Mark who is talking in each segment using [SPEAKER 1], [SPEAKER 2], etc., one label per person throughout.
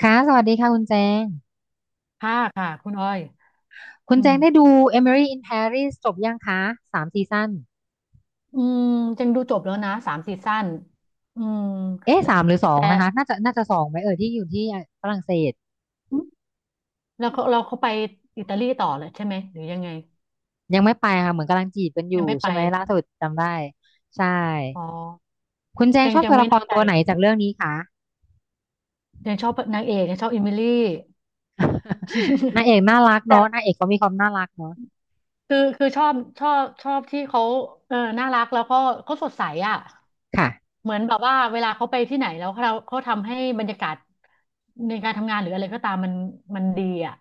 [SPEAKER 1] ค่ะสวัสดีค่ะคุณแจง
[SPEAKER 2] ห้าค่ะคุณอ้อย
[SPEAKER 1] คุณ
[SPEAKER 2] อื
[SPEAKER 1] แจ
[SPEAKER 2] ม
[SPEAKER 1] งได้ดู Emily in Paris จบยังคะ3 ซีซั่น
[SPEAKER 2] อืมจังดูจบแล้วนะสามซีซั่นอืม
[SPEAKER 1] เอ๊ะ
[SPEAKER 2] แต่
[SPEAKER 1] 3 หรือ 2
[SPEAKER 2] แต่
[SPEAKER 1] นะคะน่าจะสองไหมเอ่ยที่อยู่ที่ฝรั่งเศส
[SPEAKER 2] อืมแล้วเขาไปอิตาลีต่อเลยใช่ไหมหรือยังไง
[SPEAKER 1] ยังไม่ไปค่ะเหมือนกำลังจีบกันอยู่
[SPEAKER 2] ยังไม่ไป
[SPEAKER 1] ใช่ไหมล่าสุดจำได้ใช่
[SPEAKER 2] อ๋อ
[SPEAKER 1] คุณแจง
[SPEAKER 2] จั
[SPEAKER 1] ช
[SPEAKER 2] ง
[SPEAKER 1] อบ
[SPEAKER 2] จัง
[SPEAKER 1] ตัว
[SPEAKER 2] ไม่
[SPEAKER 1] ละค
[SPEAKER 2] แน่
[SPEAKER 1] ร
[SPEAKER 2] ใจ
[SPEAKER 1] ตัวไหนจากเรื่องนี้คะ
[SPEAKER 2] ยังชอบนางเอกยังชอบอิมิลี่
[SPEAKER 1] นา งเอกน่ารัก
[SPEAKER 2] แต่
[SPEAKER 1] เนาะนางเอกเขามีความน่ารักเนาะ
[SPEAKER 2] คือชอบชอบที่เขาเออน่ารักแล้วก็เขาสดใสอ่ะ
[SPEAKER 1] ค่ะ
[SPEAKER 2] เหมือนแบบว่าเวลาเขาไปที่ไหนแล้วเขาทำให้บรรยากาศในการทำงานหรืออะไรก็ตามมันดีอ่ะ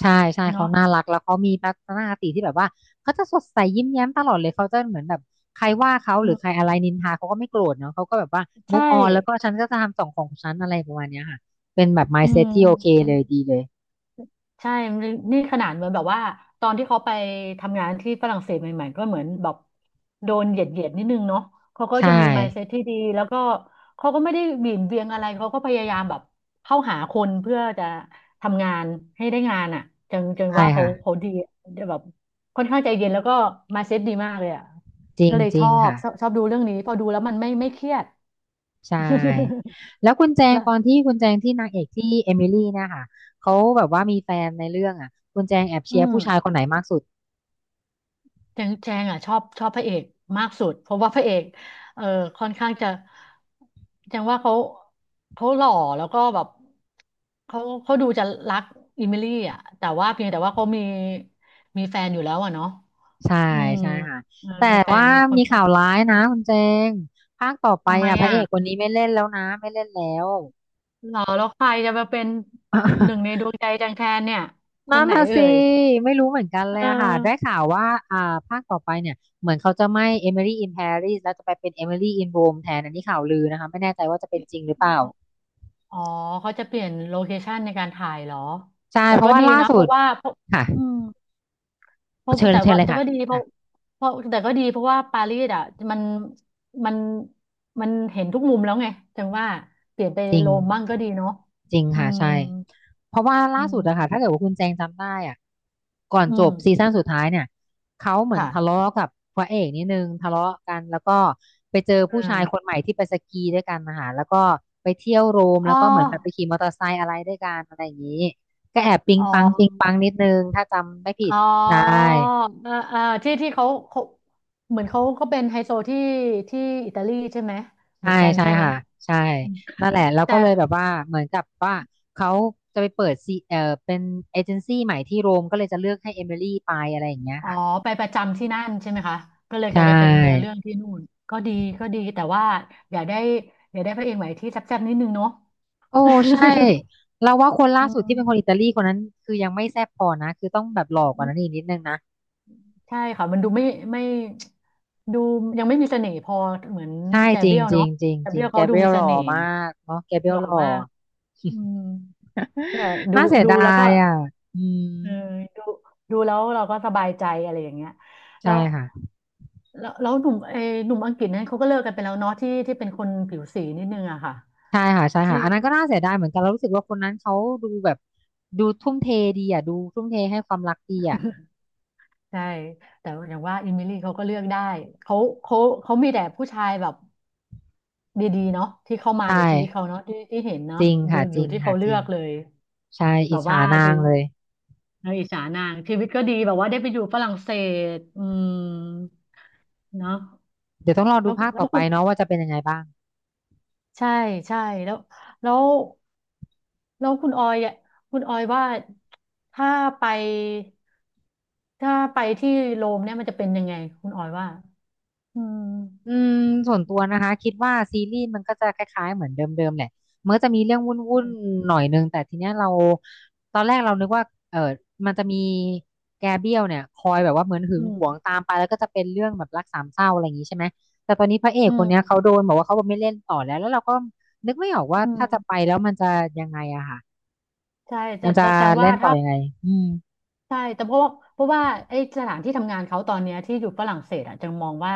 [SPEAKER 1] ใช่ใช่เขา
[SPEAKER 2] เนาะ
[SPEAKER 1] น่ารักแล้วเขามีทัศนคติที่แบบว่าเขาจะสดใสยิ้มแย้มตลอดเลยเขาจะเหมือนแบบใครว่าเขาห
[SPEAKER 2] อื
[SPEAKER 1] รือใครอะไรนินทาเขาก็ไม่โกรธเนาะเขาก็แบบว่า
[SPEAKER 2] ใช่
[SPEAKER 1] move on แล้วก็ฉันก็จะทำสองของฉันอะไรประมาณเนี้ยค่ะเป็นแบบ
[SPEAKER 2] อืม
[SPEAKER 1] mindset ที่โอเคเลยดีเลย
[SPEAKER 2] ใช่นี่นี่ขนาดเหมือนแบบว่าตอนที่เขาไปทำงานที่ฝรั่งเศสใหม่ๆก็เหมือนแบบโดนเหยียดนิดนึงเนาะเขาก็
[SPEAKER 1] ใช่
[SPEAKER 2] ยังมี mindset ที่ดีแล้วก็เขาก็ไม่ได้หวี่นเวียงอะไรเขาก็พยายามแบบเข้าหาคนเพื่อจะทำงานให้ได้งานอ่ะจัง
[SPEAKER 1] ใช่
[SPEAKER 2] ว่าเขา
[SPEAKER 1] ค่ะ
[SPEAKER 2] เขาดีแบบค่อนข้างใจเย็นแล้วก็ mindset ดีมากเลยอ่ะ
[SPEAKER 1] จริ
[SPEAKER 2] ก็
[SPEAKER 1] ง
[SPEAKER 2] เลย
[SPEAKER 1] จ
[SPEAKER 2] ช
[SPEAKER 1] ริง
[SPEAKER 2] อบ
[SPEAKER 1] ค่ะ
[SPEAKER 2] ชอบดูเรื่องนี้พอดูแล้วมันไม่เครียด
[SPEAKER 1] ใช่ แล้วคุณแจง
[SPEAKER 2] แล้ว
[SPEAKER 1] ตอนที่คุณแจงที่นางเอกที่เอมิลี่เนี่ยค่ะเขาแบบว่ามีแฟนในเรื่องอ่ะคุณแจงแอบ
[SPEAKER 2] อื
[SPEAKER 1] เชียร์
[SPEAKER 2] ม
[SPEAKER 1] ผู้ชายคนไหนมากสุด
[SPEAKER 2] แจงอ่ะชอบชอบพระเอกมากสุดเพราะว่าพระเอกเออค่อนข้างจะแจงว่าเขาหล่อแล้วก็แบบเขาเขาดูจะรักอิมิลี่อ่ะแต่ว่าเพียงแต่ว่าเขามีแฟนอยู่แล้วอ่ะเนาะ
[SPEAKER 1] ใช่
[SPEAKER 2] อืม
[SPEAKER 1] ใช่ค่ะ
[SPEAKER 2] เออ
[SPEAKER 1] แต่
[SPEAKER 2] มีแฟ
[SPEAKER 1] ว่า
[SPEAKER 2] นค
[SPEAKER 1] มี
[SPEAKER 2] น
[SPEAKER 1] ข่าวร้ายนะคุณเจงภาคต่อไป
[SPEAKER 2] ทำไม
[SPEAKER 1] อ่ะพระเอ
[SPEAKER 2] อ่ะ
[SPEAKER 1] กคนนี้ไม่เล่นแล้วนะไม่เล่นแล้ว
[SPEAKER 2] หล่อแล้วใครจะมาเป็นหนึ่ง ในดวงใจแจงแทนเนี่ยค
[SPEAKER 1] นั่
[SPEAKER 2] น
[SPEAKER 1] น
[SPEAKER 2] ไหน
[SPEAKER 1] น่ะ
[SPEAKER 2] เอ่
[SPEAKER 1] สิ
[SPEAKER 2] ย
[SPEAKER 1] ไม่รู้เหมือนกัน
[SPEAKER 2] เอ
[SPEAKER 1] เลยอะค่ะได้
[SPEAKER 2] อ
[SPEAKER 1] ข่าวว่าอ่าภาคต่อไปเนี่ยเหมือนเขาจะไม่ Emily in Paris แล้วจะไปเป็น Emily in Rome แทนอันนี้ข่าวลือนะคะไม่แน่ใจว่าจะเป็นจริงหรือเปล่า
[SPEAKER 2] อ๋อเขาจะเปลี่ยนโลเคชันในการถ่ายเหรอ
[SPEAKER 1] ใช่
[SPEAKER 2] แต่
[SPEAKER 1] เพ
[SPEAKER 2] ก็
[SPEAKER 1] ราะว่า
[SPEAKER 2] ดี
[SPEAKER 1] ล่า
[SPEAKER 2] นะ เพ
[SPEAKER 1] สุด
[SPEAKER 2] ราะว่าเพราะ
[SPEAKER 1] ค่ะ
[SPEAKER 2] อืมเพราะ
[SPEAKER 1] เชิญ
[SPEAKER 2] แต่
[SPEAKER 1] เชิญ
[SPEAKER 2] ว่า
[SPEAKER 1] เลย
[SPEAKER 2] แต่
[SPEAKER 1] ค่ะ
[SPEAKER 2] ก็ดีเพ
[SPEAKER 1] ค่ะ
[SPEAKER 2] ราะเพราะแต่ก็ดีเพราะว่าปารีสอ่ะมันมัน มันเห็นทุกมุมแล้วไงจังว่าเปลี่ยนไป
[SPEAKER 1] จริง
[SPEAKER 2] โรมบ้างก็ดีเนาะ
[SPEAKER 1] จริง
[SPEAKER 2] อื
[SPEAKER 1] ค่ะ
[SPEAKER 2] ม
[SPEAKER 1] ใช่ เพราะว่า
[SPEAKER 2] อื
[SPEAKER 1] ล่าสุดอะค่ะถ้า
[SPEAKER 2] ม
[SPEAKER 1] เกิดว่าคุณแจงจำได้อะก่อน
[SPEAKER 2] อื
[SPEAKER 1] จบซี
[SPEAKER 2] ม
[SPEAKER 1] ซั่นสุดท้ายเนี่ยเขาเหมือน
[SPEAKER 2] ค่ะ
[SPEAKER 1] ทะเลาะกับพระเอกนิดนึงทะเลาะกันแล้วก็ไปเจอผู้
[SPEAKER 2] อ่า
[SPEAKER 1] ชายคนใหม่ที่ไปสกีด้วยกันนะคะแล้วก็ไปเที่ยวโรม
[SPEAKER 2] อ๋อ
[SPEAKER 1] แล้วก็เหมือนแบบไปขี่มอเตอร์ไซค์อะไรด้วยกันอะไรอย่างนี้ก็แอบปิ๊ง
[SPEAKER 2] อ๋อ
[SPEAKER 1] ปังปิ๊งปังนิดนึงถ้าจำไม่ผิด
[SPEAKER 2] อ๋อ
[SPEAKER 1] ใช่
[SPEAKER 2] อ่าที่ที่เขาเหมือนเขาก็เป็นไฮโซที่ที่อิตาลีใช่ไหม เหมื
[SPEAKER 1] ใช่
[SPEAKER 2] อนกัน
[SPEAKER 1] ใช่
[SPEAKER 2] ใช่ไหม
[SPEAKER 1] ค่ะใช่นั่นแหละแล้ว
[SPEAKER 2] แต่
[SPEAKER 1] ก็เลยแบบว่าเหมือนกับว่าเขาจะไปเปิดซีเอ่อเป็นเอเจนซี่ใหม่ที่โรมก็เลยจะเลือกให้เอมิลี่ไปอะไรอย่างเงี้ย
[SPEAKER 2] อ๋อ
[SPEAKER 1] ค่ะ
[SPEAKER 2] ไปประจำที่นั่นใช่ไหมคะก็เลย
[SPEAKER 1] ใช
[SPEAKER 2] กลายจะเป็นเนื้อเรื่
[SPEAKER 1] ่
[SPEAKER 2] องที่นู่นก็ดีก็ดีแต่ว่าอย่าได้อย่าได้พระเอกใหม่ที่แซ่บๆนิดนึงเนาะ
[SPEAKER 1] โอ้ใช่เราว่าคน ล่า
[SPEAKER 2] อื
[SPEAKER 1] สุด
[SPEAKER 2] ม
[SPEAKER 1] ที่เป็นคนอิตาลีคนนั้นคือยังไม่แซ่บพอนะคือต้องแบบหล่อกว่านั้นอีกนิดนึงนะ
[SPEAKER 2] ใช่ค่ะมันดูไม่ไม่ดูยังไม่มีเสน่ห์พอเหมือน
[SPEAKER 1] ใช่
[SPEAKER 2] แก
[SPEAKER 1] จริ
[SPEAKER 2] เบรี
[SPEAKER 1] ง
[SPEAKER 2] ยล
[SPEAKER 1] จริง
[SPEAKER 2] เนาะ
[SPEAKER 1] จริง
[SPEAKER 2] แก
[SPEAKER 1] จ
[SPEAKER 2] เบ
[SPEAKER 1] ริ
[SPEAKER 2] รี
[SPEAKER 1] ง
[SPEAKER 2] ยล
[SPEAKER 1] แก
[SPEAKER 2] เขา
[SPEAKER 1] เบ
[SPEAKER 2] ดู
[SPEAKER 1] รีย
[SPEAKER 2] มี
[SPEAKER 1] ลห
[SPEAKER 2] เส
[SPEAKER 1] ล่อ
[SPEAKER 2] น่ห์
[SPEAKER 1] มากเนาะแกเบรี
[SPEAKER 2] ห
[SPEAKER 1] ยล
[SPEAKER 2] ล่อ
[SPEAKER 1] หล่อ
[SPEAKER 2] มากอืมแต่ ดู
[SPEAKER 1] น่าเสียดา
[SPEAKER 2] แล้วก็
[SPEAKER 1] ยอ่ะอืม
[SPEAKER 2] เออดูดูแล้วเราก็สบายใจอะไรอย่างเงี้ย
[SPEAKER 1] ใช่
[SPEAKER 2] แล้ว
[SPEAKER 1] ค่ะ
[SPEAKER 2] แล้วแล้วหนุ่มเออหนุ่มอังกฤษนั้นเขาก็เลิกกันไปแล้วเนาะที่ที่เป็นคนผิวสีนิดนึงอะค่ะ
[SPEAKER 1] ใช่ค่ะใช่
[SPEAKER 2] ที่
[SPEAKER 1] ค่ะอันนั้นก็น่าเสียดายเหมือนกันเรารู้สึกว่าคนนั้นเขาดูแบบดูทุ่มเทดีอ่ะดูทุ่มเทให้ความรักดีอ่ะ
[SPEAKER 2] ใช่แต่อย่างว่าอิมิลี่เขาก็เลือกได้เขาเขาเขามีแต่ผู้ชายแบบดีๆเนาะที่เข้ามา
[SPEAKER 1] ใช่
[SPEAKER 2] ในชีวิตเขาเนาะที่ที่เห็นเนาะ
[SPEAKER 1] จริง
[SPEAKER 2] ดู
[SPEAKER 1] ค่ะจ
[SPEAKER 2] อยู่
[SPEAKER 1] ริง
[SPEAKER 2] ที่
[SPEAKER 1] ค่ะ
[SPEAKER 2] เขาเลื
[SPEAKER 1] จริ
[SPEAKER 2] อ
[SPEAKER 1] ง
[SPEAKER 2] กเลย
[SPEAKER 1] ใช่
[SPEAKER 2] แบ
[SPEAKER 1] อิจ
[SPEAKER 2] บ
[SPEAKER 1] ฉา
[SPEAKER 2] ว่า
[SPEAKER 1] นา
[SPEAKER 2] ดู
[SPEAKER 1] งเลย
[SPEAKER 2] เราอิจฉานางชีวิตก็ดีแบบว่าได้ไปอยู่ฝรั่งเศสอืมเนาะ
[SPEAKER 1] เดี๋ยวต้องรอดู
[SPEAKER 2] แล้ว
[SPEAKER 1] ภาค
[SPEAKER 2] แล้
[SPEAKER 1] ต่
[SPEAKER 2] ว
[SPEAKER 1] อไป
[SPEAKER 2] คุณ
[SPEAKER 1] เนาะว่าจะเป็นยังไงบ้าง
[SPEAKER 2] ใช่ใช่แล้วแล้วแล้วคุณออยอะคุณออยว่าถ้าไปถ้าไปที่โรมเนี่ยมันจะเป็นยังไงคุณออยว่าอืม
[SPEAKER 1] อืมส่วนตัวนะคะคิดว่าซีรีส์มันก็จะคล้ายๆเหมือนเดิมๆแหละมันก็จะมีเรื่องวุ่นๆหน่อยนึงแต่ทีเนี้ยเราตอนแรกเรานึกว่าเออมันจะมีแกเบี้ยวเนี่ยคอยแบบว่าเหมือนหึ
[SPEAKER 2] อื
[SPEAKER 1] งหวง
[SPEAKER 2] ม
[SPEAKER 1] ตามไปแล้วก็จะเป็นเรื่องแบบรักสามเศร้าอะไรอย่างนี้ใช่ไหมแต่ตอนนี้พระเอก
[SPEAKER 2] อื
[SPEAKER 1] คน
[SPEAKER 2] ม
[SPEAKER 1] เนี้ยเขาโดนบอกว่าเขาไม่เล่นต่อแล้วแล้วเราก็นึกไม่ออกว่า
[SPEAKER 2] อืม
[SPEAKER 1] ถ้าจะไปแล้วมันจะยังไงอะค่ะ
[SPEAKER 2] ใช่แต่
[SPEAKER 1] มันจะ
[SPEAKER 2] แต่แสดงว่า
[SPEAKER 1] เล่นต่อ
[SPEAKER 2] ถ้า
[SPEAKER 1] ยังไงอืม
[SPEAKER 2] ใช่แต่เพราะว่าไอ้สถานที่ทำงานเขาตอนเนี้ยที่อยู่ฝรั่งเศสอ่ะจะมองว่า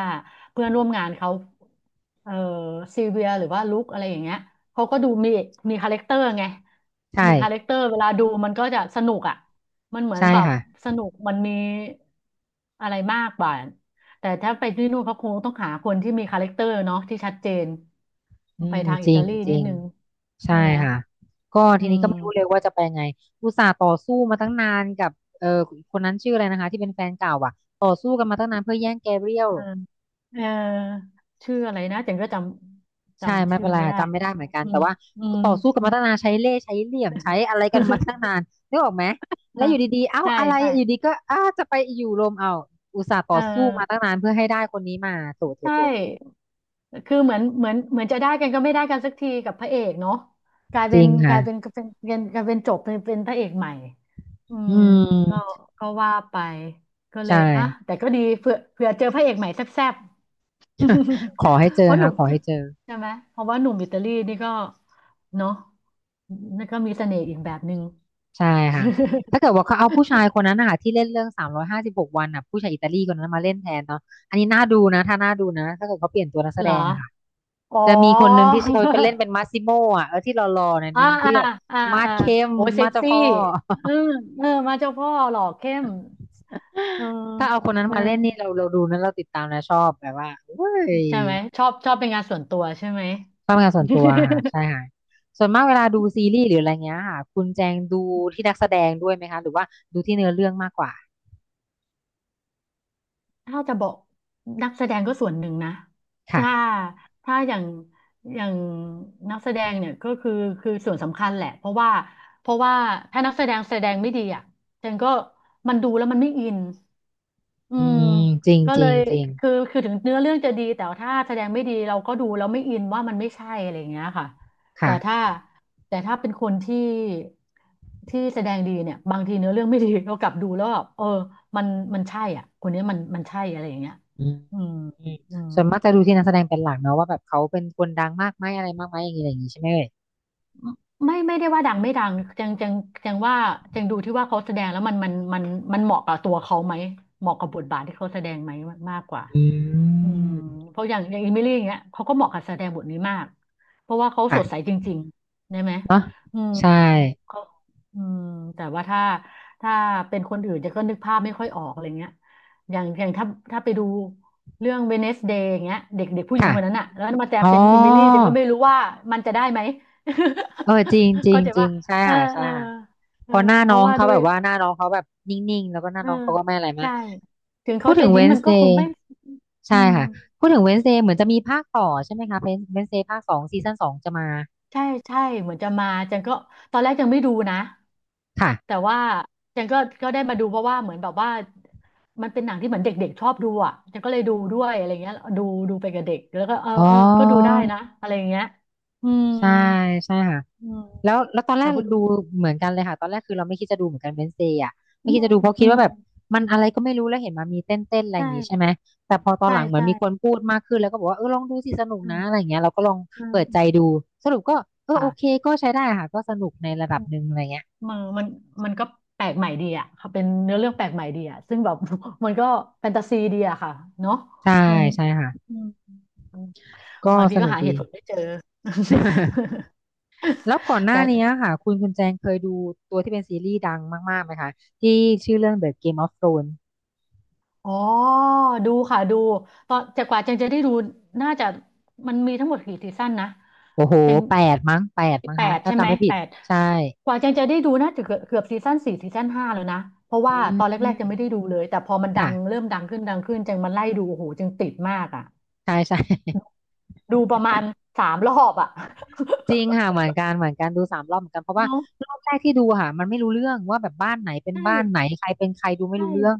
[SPEAKER 2] เพื่อนร่วมงานเขาเอ่อซีเวียหรือว่าลุคอะไรอย่างเงี้ยเขาก็ดูมีคาแรคเตอร์ไง
[SPEAKER 1] ใช่
[SPEAKER 2] มีคาแรคเตอร์เวลาดูมันก็จะสนุกอ่ะมันเหมือน
[SPEAKER 1] ใช่
[SPEAKER 2] แบบ
[SPEAKER 1] ค่ะ
[SPEAKER 2] สนุกมันมีอะไรมากกว่าแต่ถ้าไปที่นู่นเขาคงต้องหาคนที่มีคาแรคเตอร์เนาะที่ชัดเจน
[SPEAKER 1] อื
[SPEAKER 2] ไป
[SPEAKER 1] ม
[SPEAKER 2] ทาง
[SPEAKER 1] จ
[SPEAKER 2] อิ
[SPEAKER 1] ริ
[SPEAKER 2] ตา
[SPEAKER 1] ง
[SPEAKER 2] ลี
[SPEAKER 1] จ
[SPEAKER 2] นิ
[SPEAKER 1] ริ
[SPEAKER 2] ด
[SPEAKER 1] ง
[SPEAKER 2] นึง
[SPEAKER 1] ใช่
[SPEAKER 2] ใช่ไหม
[SPEAKER 1] ค่ะก็
[SPEAKER 2] อื
[SPEAKER 1] ทีนี้ก็ไม่รู้เลย
[SPEAKER 2] ม
[SPEAKER 1] ว่าจะไปยังไงอุตส่าห์ต่อสู้มาตั้งนานกับเออคนนั้นชื่ออะไรนะคะที่เป็นแฟนเก่าอ่ะต่อสู้กันมาตั้งนานเพื่อแย่งแกเรียล
[SPEAKER 2] เออชื่ออะไรนะจังก็จำ
[SPEAKER 1] ใช่ไม่
[SPEAKER 2] ชื่
[SPEAKER 1] เป็
[SPEAKER 2] อ
[SPEAKER 1] นไร
[SPEAKER 2] ไม่
[SPEAKER 1] ค่ะ
[SPEAKER 2] ได้
[SPEAKER 1] จำไม่ได้เหมือนกัน
[SPEAKER 2] อื
[SPEAKER 1] แต่
[SPEAKER 2] ม
[SPEAKER 1] ว่า
[SPEAKER 2] อืม
[SPEAKER 1] ต่อสู้กันมาตั้งนานใช้เล่ห์ใช้เหลี่ยมใช้อะไรกันมาตั้ง นานนึกออกไหม
[SPEAKER 2] เอ
[SPEAKER 1] แล้
[SPEAKER 2] อ
[SPEAKER 1] วอยู่ดีๆเอ้า
[SPEAKER 2] ใช่
[SPEAKER 1] อะไร
[SPEAKER 2] ใช่
[SPEAKER 1] อยู่ดีก็อ้าจะไปอยู่รวมเอาอุตส่าห์ต่
[SPEAKER 2] เออ
[SPEAKER 1] อสู้มาตั้งนานเพื่อให้ได้คนนี้มาโถโถ
[SPEAKER 2] ใช
[SPEAKER 1] โถโถ
[SPEAKER 2] ่ คือเหมือนเหมือนจะได้กันก็ไม่ได้กันสักทีกับพระเอกเนาะกลาย
[SPEAKER 1] จ
[SPEAKER 2] เป็
[SPEAKER 1] ริ
[SPEAKER 2] น
[SPEAKER 1] งค่ะ
[SPEAKER 2] กลายเป็นจบเป็นพระเอกใหม่อื
[SPEAKER 1] อื
[SPEAKER 2] มก็
[SPEAKER 1] ม
[SPEAKER 2] ก็ว่าไปก็เล
[SPEAKER 1] ใช
[SPEAKER 2] ยอ่ะ
[SPEAKER 1] ่
[SPEAKER 2] แต่ก็ดีเผื่อเจอพระเอกใหม่แซ่บๆ
[SPEAKER 1] ขอให้เจ
[SPEAKER 2] เพ
[SPEAKER 1] อ
[SPEAKER 2] ราะหนุ่
[SPEAKER 1] ค่ะ
[SPEAKER 2] ม
[SPEAKER 1] ขอให้เจอ
[SPEAKER 2] ใช่ไหมเพราะว่าหนุ่มอิตาลีนี่ก็เนาะนี่ก็มีเสน่ห์อีกแบบหนึ่ง
[SPEAKER 1] ใช่ค่ะ ถ้าเกิดว่าเขาเอาผู้ชายคนนั้นนะคะที่เล่นเรื่อง356 วันอ่ะผู้ชายอิตาลีคนนั้นมาเล่นแทนเนาะอันนี้น่าดูนะถ้าน่าดูนะถ้าเกิดเขาเปลี่ยนตัวนักแส
[SPEAKER 2] เหร
[SPEAKER 1] ด
[SPEAKER 2] อ
[SPEAKER 1] งอะค่ะ
[SPEAKER 2] อ๋อ
[SPEAKER 1] จะมีคนหนึ่งที่เขาไปเล่นเป็นมาซิโมอ่ะเออที่หล่อๆหน่อย
[SPEAKER 2] อ่า
[SPEAKER 1] นึง
[SPEAKER 2] อ่า
[SPEAKER 1] ที่แบบ
[SPEAKER 2] อ่า
[SPEAKER 1] มาด
[SPEAKER 2] อ่า
[SPEAKER 1] เข้ม
[SPEAKER 2] โอ้ยเซ็
[SPEAKER 1] มา
[SPEAKER 2] ก
[SPEAKER 1] ดเจ้า
[SPEAKER 2] ซี่
[SPEAKER 1] พ่อ
[SPEAKER 2] เออ เออมาเจ้าพ่อหล่อเข้มเออ
[SPEAKER 1] ถ้าเอาคนนั้น
[SPEAKER 2] เอ
[SPEAKER 1] มาเล่นนี่
[SPEAKER 2] อ
[SPEAKER 1] เราดูนะเราติดตามนะชอบแบบว่าเว้ย
[SPEAKER 2] ใช่ไหมชอบชอบเป็นงานส่วนตัวใช่ไหม
[SPEAKER 1] ชอบงานส่วนตัวค่ะใช่ ค่ะส่วนมากเวลาดูซีรีส์หรืออะไรเงี้ยค่ะคุณแจงดูที่นักแสดงด้วยไหมคะหรือว่าดูที่เนื้อเรื่องมากกว่า
[SPEAKER 2] ถ้าจะบอกนักแสดงก็ส่วนหนึ่งนะถ้า
[SPEAKER 1] ค่ะ
[SPEAKER 2] ถ้าอย่างอย่างนักแสดงเนี่ยก็คือคือส่วนสำคัญแหละเพราะว่าถ้านักแสดงแสดงไม่ดีอ่ะฉันก็มันดูแล้วมันไม่อิน อื
[SPEAKER 1] อื
[SPEAKER 2] ม
[SPEAKER 1] มจริง
[SPEAKER 2] ก็
[SPEAKER 1] จ
[SPEAKER 2] เล
[SPEAKER 1] ริง
[SPEAKER 2] ย
[SPEAKER 1] จริง
[SPEAKER 2] คือถึงเนื้อเรื่องจะดีแต่ว่าถ้าแสดงไม่ดีเราก็ดูแล้วไม่อินว่ามันไม่ใช่อะไรอย่างเงี้ยค่ะแต่ถ้า
[SPEAKER 1] ค่ะ
[SPEAKER 2] แต่ถ้าเป็นคนที่แสดงดีเนี่ยบางทีเนื้อเรื่องไม่ดีเรากลับดูแล้วแบบเออมันมันใช่อ่ะคนนี้มันใช่อะไรอย่างเงี้ย
[SPEAKER 1] อืม
[SPEAKER 2] อืม
[SPEAKER 1] อืม
[SPEAKER 2] อืม
[SPEAKER 1] ส่วนมากจะดูที่นักแสดงเป็นหลักเนอะว่าแบบเขาเป็นคนดังมากไหมอะไรมากไหมอย่างนี้อะไรอย่างนี้ใช่ไหมเอ่ย
[SPEAKER 2] ไม่ได้ว่าดังไม่ดังจังจังจังว่าจังดูที่ว่าเขาแสดงแล้วมันเหมาะกับตัวเขาไหมเหมาะกับบทบาทที่เขาแสดงไหมมากกว่า
[SPEAKER 1] อื
[SPEAKER 2] อืม
[SPEAKER 1] ม
[SPEAKER 2] เพราะอย่างอิมิลี่อย่างเงี้ยเขาก็เหมาะกับแสดงบทนี้มากเพราะว่าเขาสดใส
[SPEAKER 1] ค่ะ
[SPEAKER 2] จริงๆได้ไหม
[SPEAKER 1] เนอะ
[SPEAKER 2] อืม
[SPEAKER 1] ใช่
[SPEAKER 2] เขาอืมแต่ว่าถ้าเป็นคนอื่นจะก็นึกภาพไม่ค่อยออกอะไรเงี้ยอย่างถ้าไปดูเรื่องเวนเนสเดย์อย่างเงี้ยเด็กเด็กผู้หญิง
[SPEAKER 1] ค่ะ
[SPEAKER 2] คนนั้นอะแล้วมาแจะ
[SPEAKER 1] อ๋
[SPEAKER 2] เป็นอิมิลี่จะ
[SPEAKER 1] อ
[SPEAKER 2] ก็ไม่รู้ว่ามันจะได้ไหม
[SPEAKER 1] เออจริงจ ริง
[SPEAKER 2] เข้าใจ
[SPEAKER 1] จริ
[SPEAKER 2] ว่า
[SPEAKER 1] งใช่
[SPEAKER 2] เออ
[SPEAKER 1] ค่ะใช่
[SPEAKER 2] เออ
[SPEAKER 1] ค่ะ
[SPEAKER 2] เอ
[SPEAKER 1] เพ
[SPEAKER 2] อ
[SPEAKER 1] อหน้า
[SPEAKER 2] เพ
[SPEAKER 1] น้อ
[SPEAKER 2] ราะ
[SPEAKER 1] ง
[SPEAKER 2] ว่า
[SPEAKER 1] เขา
[SPEAKER 2] ด้ว
[SPEAKER 1] แบ
[SPEAKER 2] ย
[SPEAKER 1] บว่าหน้าน้องเขาแบบนิ่งๆแล้วก็หน้า
[SPEAKER 2] เออ
[SPEAKER 1] น้องเขาก็ไม่อะไรมาก
[SPEAKER 2] ใช่ถึง
[SPEAKER 1] พู
[SPEAKER 2] เขา
[SPEAKER 1] ด
[SPEAKER 2] จะ
[SPEAKER 1] ถึงเว
[SPEAKER 2] ยิ้ม
[SPEAKER 1] น
[SPEAKER 2] มัน
[SPEAKER 1] ส์
[SPEAKER 2] ก็
[SPEAKER 1] เด
[SPEAKER 2] คง
[SPEAKER 1] ย์
[SPEAKER 2] ไม่อื
[SPEAKER 1] ใช่
[SPEAKER 2] ม
[SPEAKER 1] ค่ะพูดถึงเวนส์เดย์เหมือนจะมีภาคต่อใช่ไหมคะเป็นเวนส์เดย์ภาคสองซีซั่นสองจะมา
[SPEAKER 2] ใช่ใช่เหมือนจะมาจันก็ตอนแรกยังไม่ดูนะแต่
[SPEAKER 1] ค่ะ
[SPEAKER 2] ว่าจันก็ได้มาดูเพราะว่าเหมือนแบบว่ามันเป็นหนังที่เหมือนเด็กๆชอบดูอ่ะจันก็เลยดูด้วยอะไรเงี้ยดูไปกับเด็กแล้วก็เออ
[SPEAKER 1] อ๋
[SPEAKER 2] เออก็ดู
[SPEAKER 1] อ
[SPEAKER 2] ได้นะอะไรอย่างเงี้ยอืม
[SPEAKER 1] ใช่ใช่ค่ะ
[SPEAKER 2] อืม
[SPEAKER 1] แล้วตอนแร
[SPEAKER 2] แต่
[SPEAKER 1] ก
[SPEAKER 2] พอดู
[SPEAKER 1] ดูเหมือนกันเลยค่ะ ตอนแรกคือเราไม่คิดจะดูเหมือนกันเบน n เ s ย์อ่ะไม่
[SPEAKER 2] อื
[SPEAKER 1] คิดจะ
[SPEAKER 2] ม
[SPEAKER 1] ดูเพราะ
[SPEAKER 2] อื
[SPEAKER 1] คิด
[SPEAKER 2] ม
[SPEAKER 1] ว่าแบบมันอะไรก็ไม่รู้แล้วเห็นมามีเต้นเต้นอะไรอ
[SPEAKER 2] ใช่
[SPEAKER 1] ย่างงี้ใช่ไหม แต่พอตอน
[SPEAKER 2] ใช่
[SPEAKER 1] หลังเหมือน
[SPEAKER 2] ใช่
[SPEAKER 1] มีคนพูดมากขึ้นแล้วก็บอกว่าเออลองดูสิสนุก
[SPEAKER 2] อื
[SPEAKER 1] นะ
[SPEAKER 2] ม
[SPEAKER 1] อะไรอย่างเงี้ยเราก็ลอง
[SPEAKER 2] อืม
[SPEAKER 1] เปิดใจดูสรุปก็เออโอเค
[SPEAKER 2] ค่ะ
[SPEAKER 1] ก็ใช้ได้ค่ะก็สนุกในระดับหนึ่งอะไรเงี้ย
[SPEAKER 2] มันมันมันก็แปลกใหม่ดีอ่ะค่ะเป็นเนื้อเรื่องแปลกใหม่ดีอ่ะซึ่งแบบ มันก็แฟนตาซีดีอ่ะค่ะเนาะ
[SPEAKER 1] ใช่
[SPEAKER 2] มัน
[SPEAKER 1] ใช่ค่ะ
[SPEAKER 2] อืม
[SPEAKER 1] ก็
[SPEAKER 2] บางที
[SPEAKER 1] ส
[SPEAKER 2] ก็
[SPEAKER 1] นุก
[SPEAKER 2] หาเห
[SPEAKER 1] ดี
[SPEAKER 2] ตุ ผลไม่เจอ
[SPEAKER 1] แล้วก่อนห
[SPEAKER 2] แต่
[SPEAKER 1] น้านี้ค่ะคุณแจงเคยดูตัวที่เป็นซีรีส์ดังมากๆไหมคะที่ชื่อเรื่อง The Game of Thrones
[SPEAKER 2] อ๋อดูค่ะดูตอนแต่กว่าเจงจะได้ดูน่าจะมันมีทั้งหมดกี่ซีซั่นนะ
[SPEAKER 1] โอ้โห
[SPEAKER 2] เจง
[SPEAKER 1] 8มั้งแปดมั้ง
[SPEAKER 2] แป
[SPEAKER 1] คะ
[SPEAKER 2] ด
[SPEAKER 1] ถ้า
[SPEAKER 2] ใช่ไห
[SPEAKER 1] จำ
[SPEAKER 2] ม
[SPEAKER 1] ไม่ผิด
[SPEAKER 2] แปด
[SPEAKER 1] ใช่
[SPEAKER 2] กว่าเจงจะได้ดูน่าจะเกือบซีซั่นสี่ซีซั่นห้าแล้วนะเพราะ
[SPEAKER 1] อื
[SPEAKER 2] ว่าตอนแรกๆจะ
[SPEAKER 1] ม
[SPEAKER 2] ไม่ได้ดูเลยแต่พอมันดั
[SPEAKER 1] ค่ะ
[SPEAKER 2] งเริ่มดังขึ้นดังขึ้นเจงมันไล่ดูโอ้โหเจงติดมากอ่ะ
[SPEAKER 1] ใช่ใช่
[SPEAKER 2] ดูประมาณสามรอบอ่ะ
[SPEAKER 1] จริงค่ะเหมือนกันเหมือนกันดู3 รอบเหมือนกันเพราะว่า
[SPEAKER 2] เนาะ
[SPEAKER 1] รอบแรกที่ดูค่ะมันไม่รู้เรื่องว่าแบบบ้านไหนเป็น
[SPEAKER 2] ใช่
[SPEAKER 1] บ้านไหนใครเป็นใครดูไม่
[SPEAKER 2] ใช่
[SPEAKER 1] รู้เรื่อง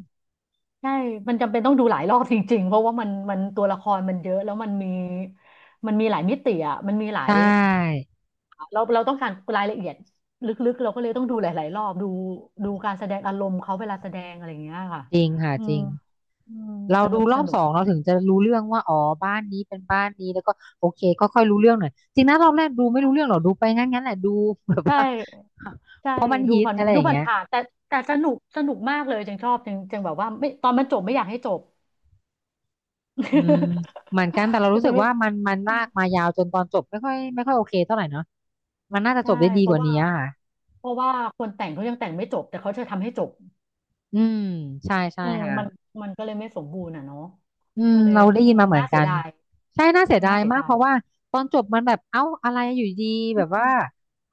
[SPEAKER 2] ใช่มันจำเป็นต้องดูหลายรอบจริงๆเพราะว่ามันตัวละครมันเยอะแล้วมันมีหลายมิติอ่ะมันมีหลา
[SPEAKER 1] ใช
[SPEAKER 2] ย
[SPEAKER 1] ่
[SPEAKER 2] เราต้องการรายละเอียดลึกๆเราก็เลยต้องดูหลายๆรอบดูดูการแสดงอารมณ์เขาเวลาแสดงอะไรอย่างเงี้ยค่ะ
[SPEAKER 1] จริงค่ะ
[SPEAKER 2] อื
[SPEAKER 1] จ
[SPEAKER 2] ม
[SPEAKER 1] ริง
[SPEAKER 2] อืม
[SPEAKER 1] เรา
[SPEAKER 2] ส
[SPEAKER 1] ดู
[SPEAKER 2] นุก
[SPEAKER 1] ร
[SPEAKER 2] ส
[SPEAKER 1] อบ
[SPEAKER 2] นุ
[SPEAKER 1] ส
[SPEAKER 2] ก
[SPEAKER 1] องเราถึงจะรู้เรื่องว่าอ๋อบ้านนี้เป็นบ้านนี้แล้วก็โอเคก็ค่อยรู้เรื่องหน่อยจริงนะรอบแรกดูไม่รู้
[SPEAKER 2] ค่ะ
[SPEAKER 1] เรื่องหรอกดูไปงั้นงั้นแหละดูแบบ
[SPEAKER 2] ใช่
[SPEAKER 1] ว่า
[SPEAKER 2] ใช่
[SPEAKER 1] เพราะมัน
[SPEAKER 2] ดู
[SPEAKER 1] ฮิต
[SPEAKER 2] ผ่าน
[SPEAKER 1] อะไรอ
[SPEAKER 2] ดู
[SPEAKER 1] ย่าง
[SPEAKER 2] ผ่าน
[SPEAKER 1] เงี้ย
[SPEAKER 2] ผ่านแต่สนุกสนุกมากเลยจังชอบจังจังแบบว่าไม่ตอนมันจบไม่อยากให้จบ
[SPEAKER 1] อืม เหมือนกันแต่เรา
[SPEAKER 2] มั
[SPEAKER 1] รู้
[SPEAKER 2] น
[SPEAKER 1] สึ
[SPEAKER 2] จะ
[SPEAKER 1] ก
[SPEAKER 2] ไม่
[SPEAKER 1] ว่ามัน
[SPEAKER 2] อื
[SPEAKER 1] ลา
[SPEAKER 2] ม
[SPEAKER 1] กมายาวจนตอนจบไม่ค่อยไม่ค่อยโอเคเท่าไหร่เนาะมันน่าจะจ
[SPEAKER 2] ใช่
[SPEAKER 1] บได้ดี
[SPEAKER 2] เพ
[SPEAKER 1] ก
[SPEAKER 2] ราะ
[SPEAKER 1] ว่า
[SPEAKER 2] ว่า
[SPEAKER 1] นี้อะค่ะ
[SPEAKER 2] เพราะว่าคนแต่งเขายังแต่งไม่จบแต่เขาจะทำให้จบ
[SPEAKER 1] อืมใช่ใช่
[SPEAKER 2] เออ
[SPEAKER 1] ค่ะ
[SPEAKER 2] มันมันก็เลยไม่สมบูรณ์อ่ะเนาะ
[SPEAKER 1] อืม
[SPEAKER 2] ก็เลย
[SPEAKER 1] เราได้
[SPEAKER 2] อื
[SPEAKER 1] ยิน
[SPEAKER 2] ม
[SPEAKER 1] มาเหมือ
[SPEAKER 2] น่า
[SPEAKER 1] น
[SPEAKER 2] เสี
[SPEAKER 1] กั
[SPEAKER 2] ย
[SPEAKER 1] น
[SPEAKER 2] ดาย
[SPEAKER 1] ใช่น่าเสียดา
[SPEAKER 2] น่า
[SPEAKER 1] ย
[SPEAKER 2] เสีย
[SPEAKER 1] มาก
[SPEAKER 2] ดา
[SPEAKER 1] เพ
[SPEAKER 2] ย
[SPEAKER 1] ราะว่าตอนจบมันแบบเอ้าอะไรอยู่ดีแบบว่า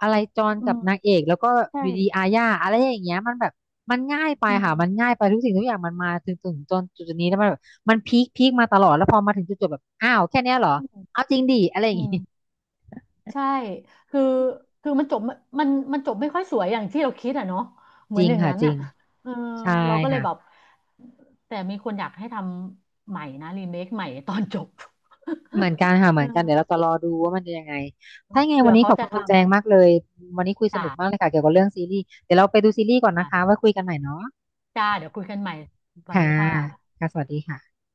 [SPEAKER 1] อะไรจอน
[SPEAKER 2] อื
[SPEAKER 1] กับ
[SPEAKER 2] ม
[SPEAKER 1] นางเอกแล้วก็
[SPEAKER 2] ใช่
[SPEAKER 1] อยู่ดีอาญาอะไรอย่างเงี้ยมันแบบมันง่ายไป
[SPEAKER 2] อื
[SPEAKER 1] ค่ะ
[SPEAKER 2] ม
[SPEAKER 1] มันง่ายไปทุกสิ่งทุกอย่างมันมาถึงจนจุดนี้แล้วมันแบบมันพีคพีคมาตลอดแล้วพอมาถึงจุดจบแบบอ้าวแค่เนี้ยเหรอ
[SPEAKER 2] อืม
[SPEAKER 1] เอาจริงดิอะไรอย่า
[SPEAKER 2] อื
[SPEAKER 1] งงี้
[SPEAKER 2] ม ใช่คือคือมันจบมันจบไม่ค่อยสวยอย่างที่เราคิดอ่ะเนาะเห
[SPEAKER 1] จ
[SPEAKER 2] มือ
[SPEAKER 1] ริ
[SPEAKER 2] น
[SPEAKER 1] ง
[SPEAKER 2] อย่าง
[SPEAKER 1] ค่ะ
[SPEAKER 2] นั้น
[SPEAKER 1] จริ
[SPEAKER 2] อ่ะ
[SPEAKER 1] ง
[SPEAKER 2] เออ
[SPEAKER 1] ใช่
[SPEAKER 2] เราก็เลย
[SPEAKER 1] ค่ะ
[SPEAKER 2] แบบแต่มีคนอยากให้ทำใหม่นะรีเมคใหม่ตอนจบ
[SPEAKER 1] เหมือนกันค่ะเห
[SPEAKER 2] เอ
[SPEAKER 1] มื
[SPEAKER 2] อ
[SPEAKER 1] อนกันเดี๋ยวเราจะรอดูว่ามันจะยังไงถ้ายังไง
[SPEAKER 2] เผื่
[SPEAKER 1] วั
[SPEAKER 2] อ
[SPEAKER 1] นนี้
[SPEAKER 2] เขา
[SPEAKER 1] ขอบคุ
[SPEAKER 2] จะ
[SPEAKER 1] ณ
[SPEAKER 2] ท
[SPEAKER 1] คุณแจงมากเลยวันนี้คุย
[SPEAKER 2] ำ
[SPEAKER 1] สนุกมากเล
[SPEAKER 2] จ
[SPEAKER 1] ยค่ะเกี่ยวกับเรื่องซีรีส์เดี๋ยวเราไปดูซีรีส์ก่อนนะคะ
[SPEAKER 2] ้ะ
[SPEAKER 1] ไว้คุยกันใหม่เนาะ
[SPEAKER 2] จ้า เดี๋ยวคุยกันใหม่สวัส
[SPEAKER 1] ค่ะ
[SPEAKER 2] ดีค่ะ
[SPEAKER 1] ค่ะสวัสดีค่ะ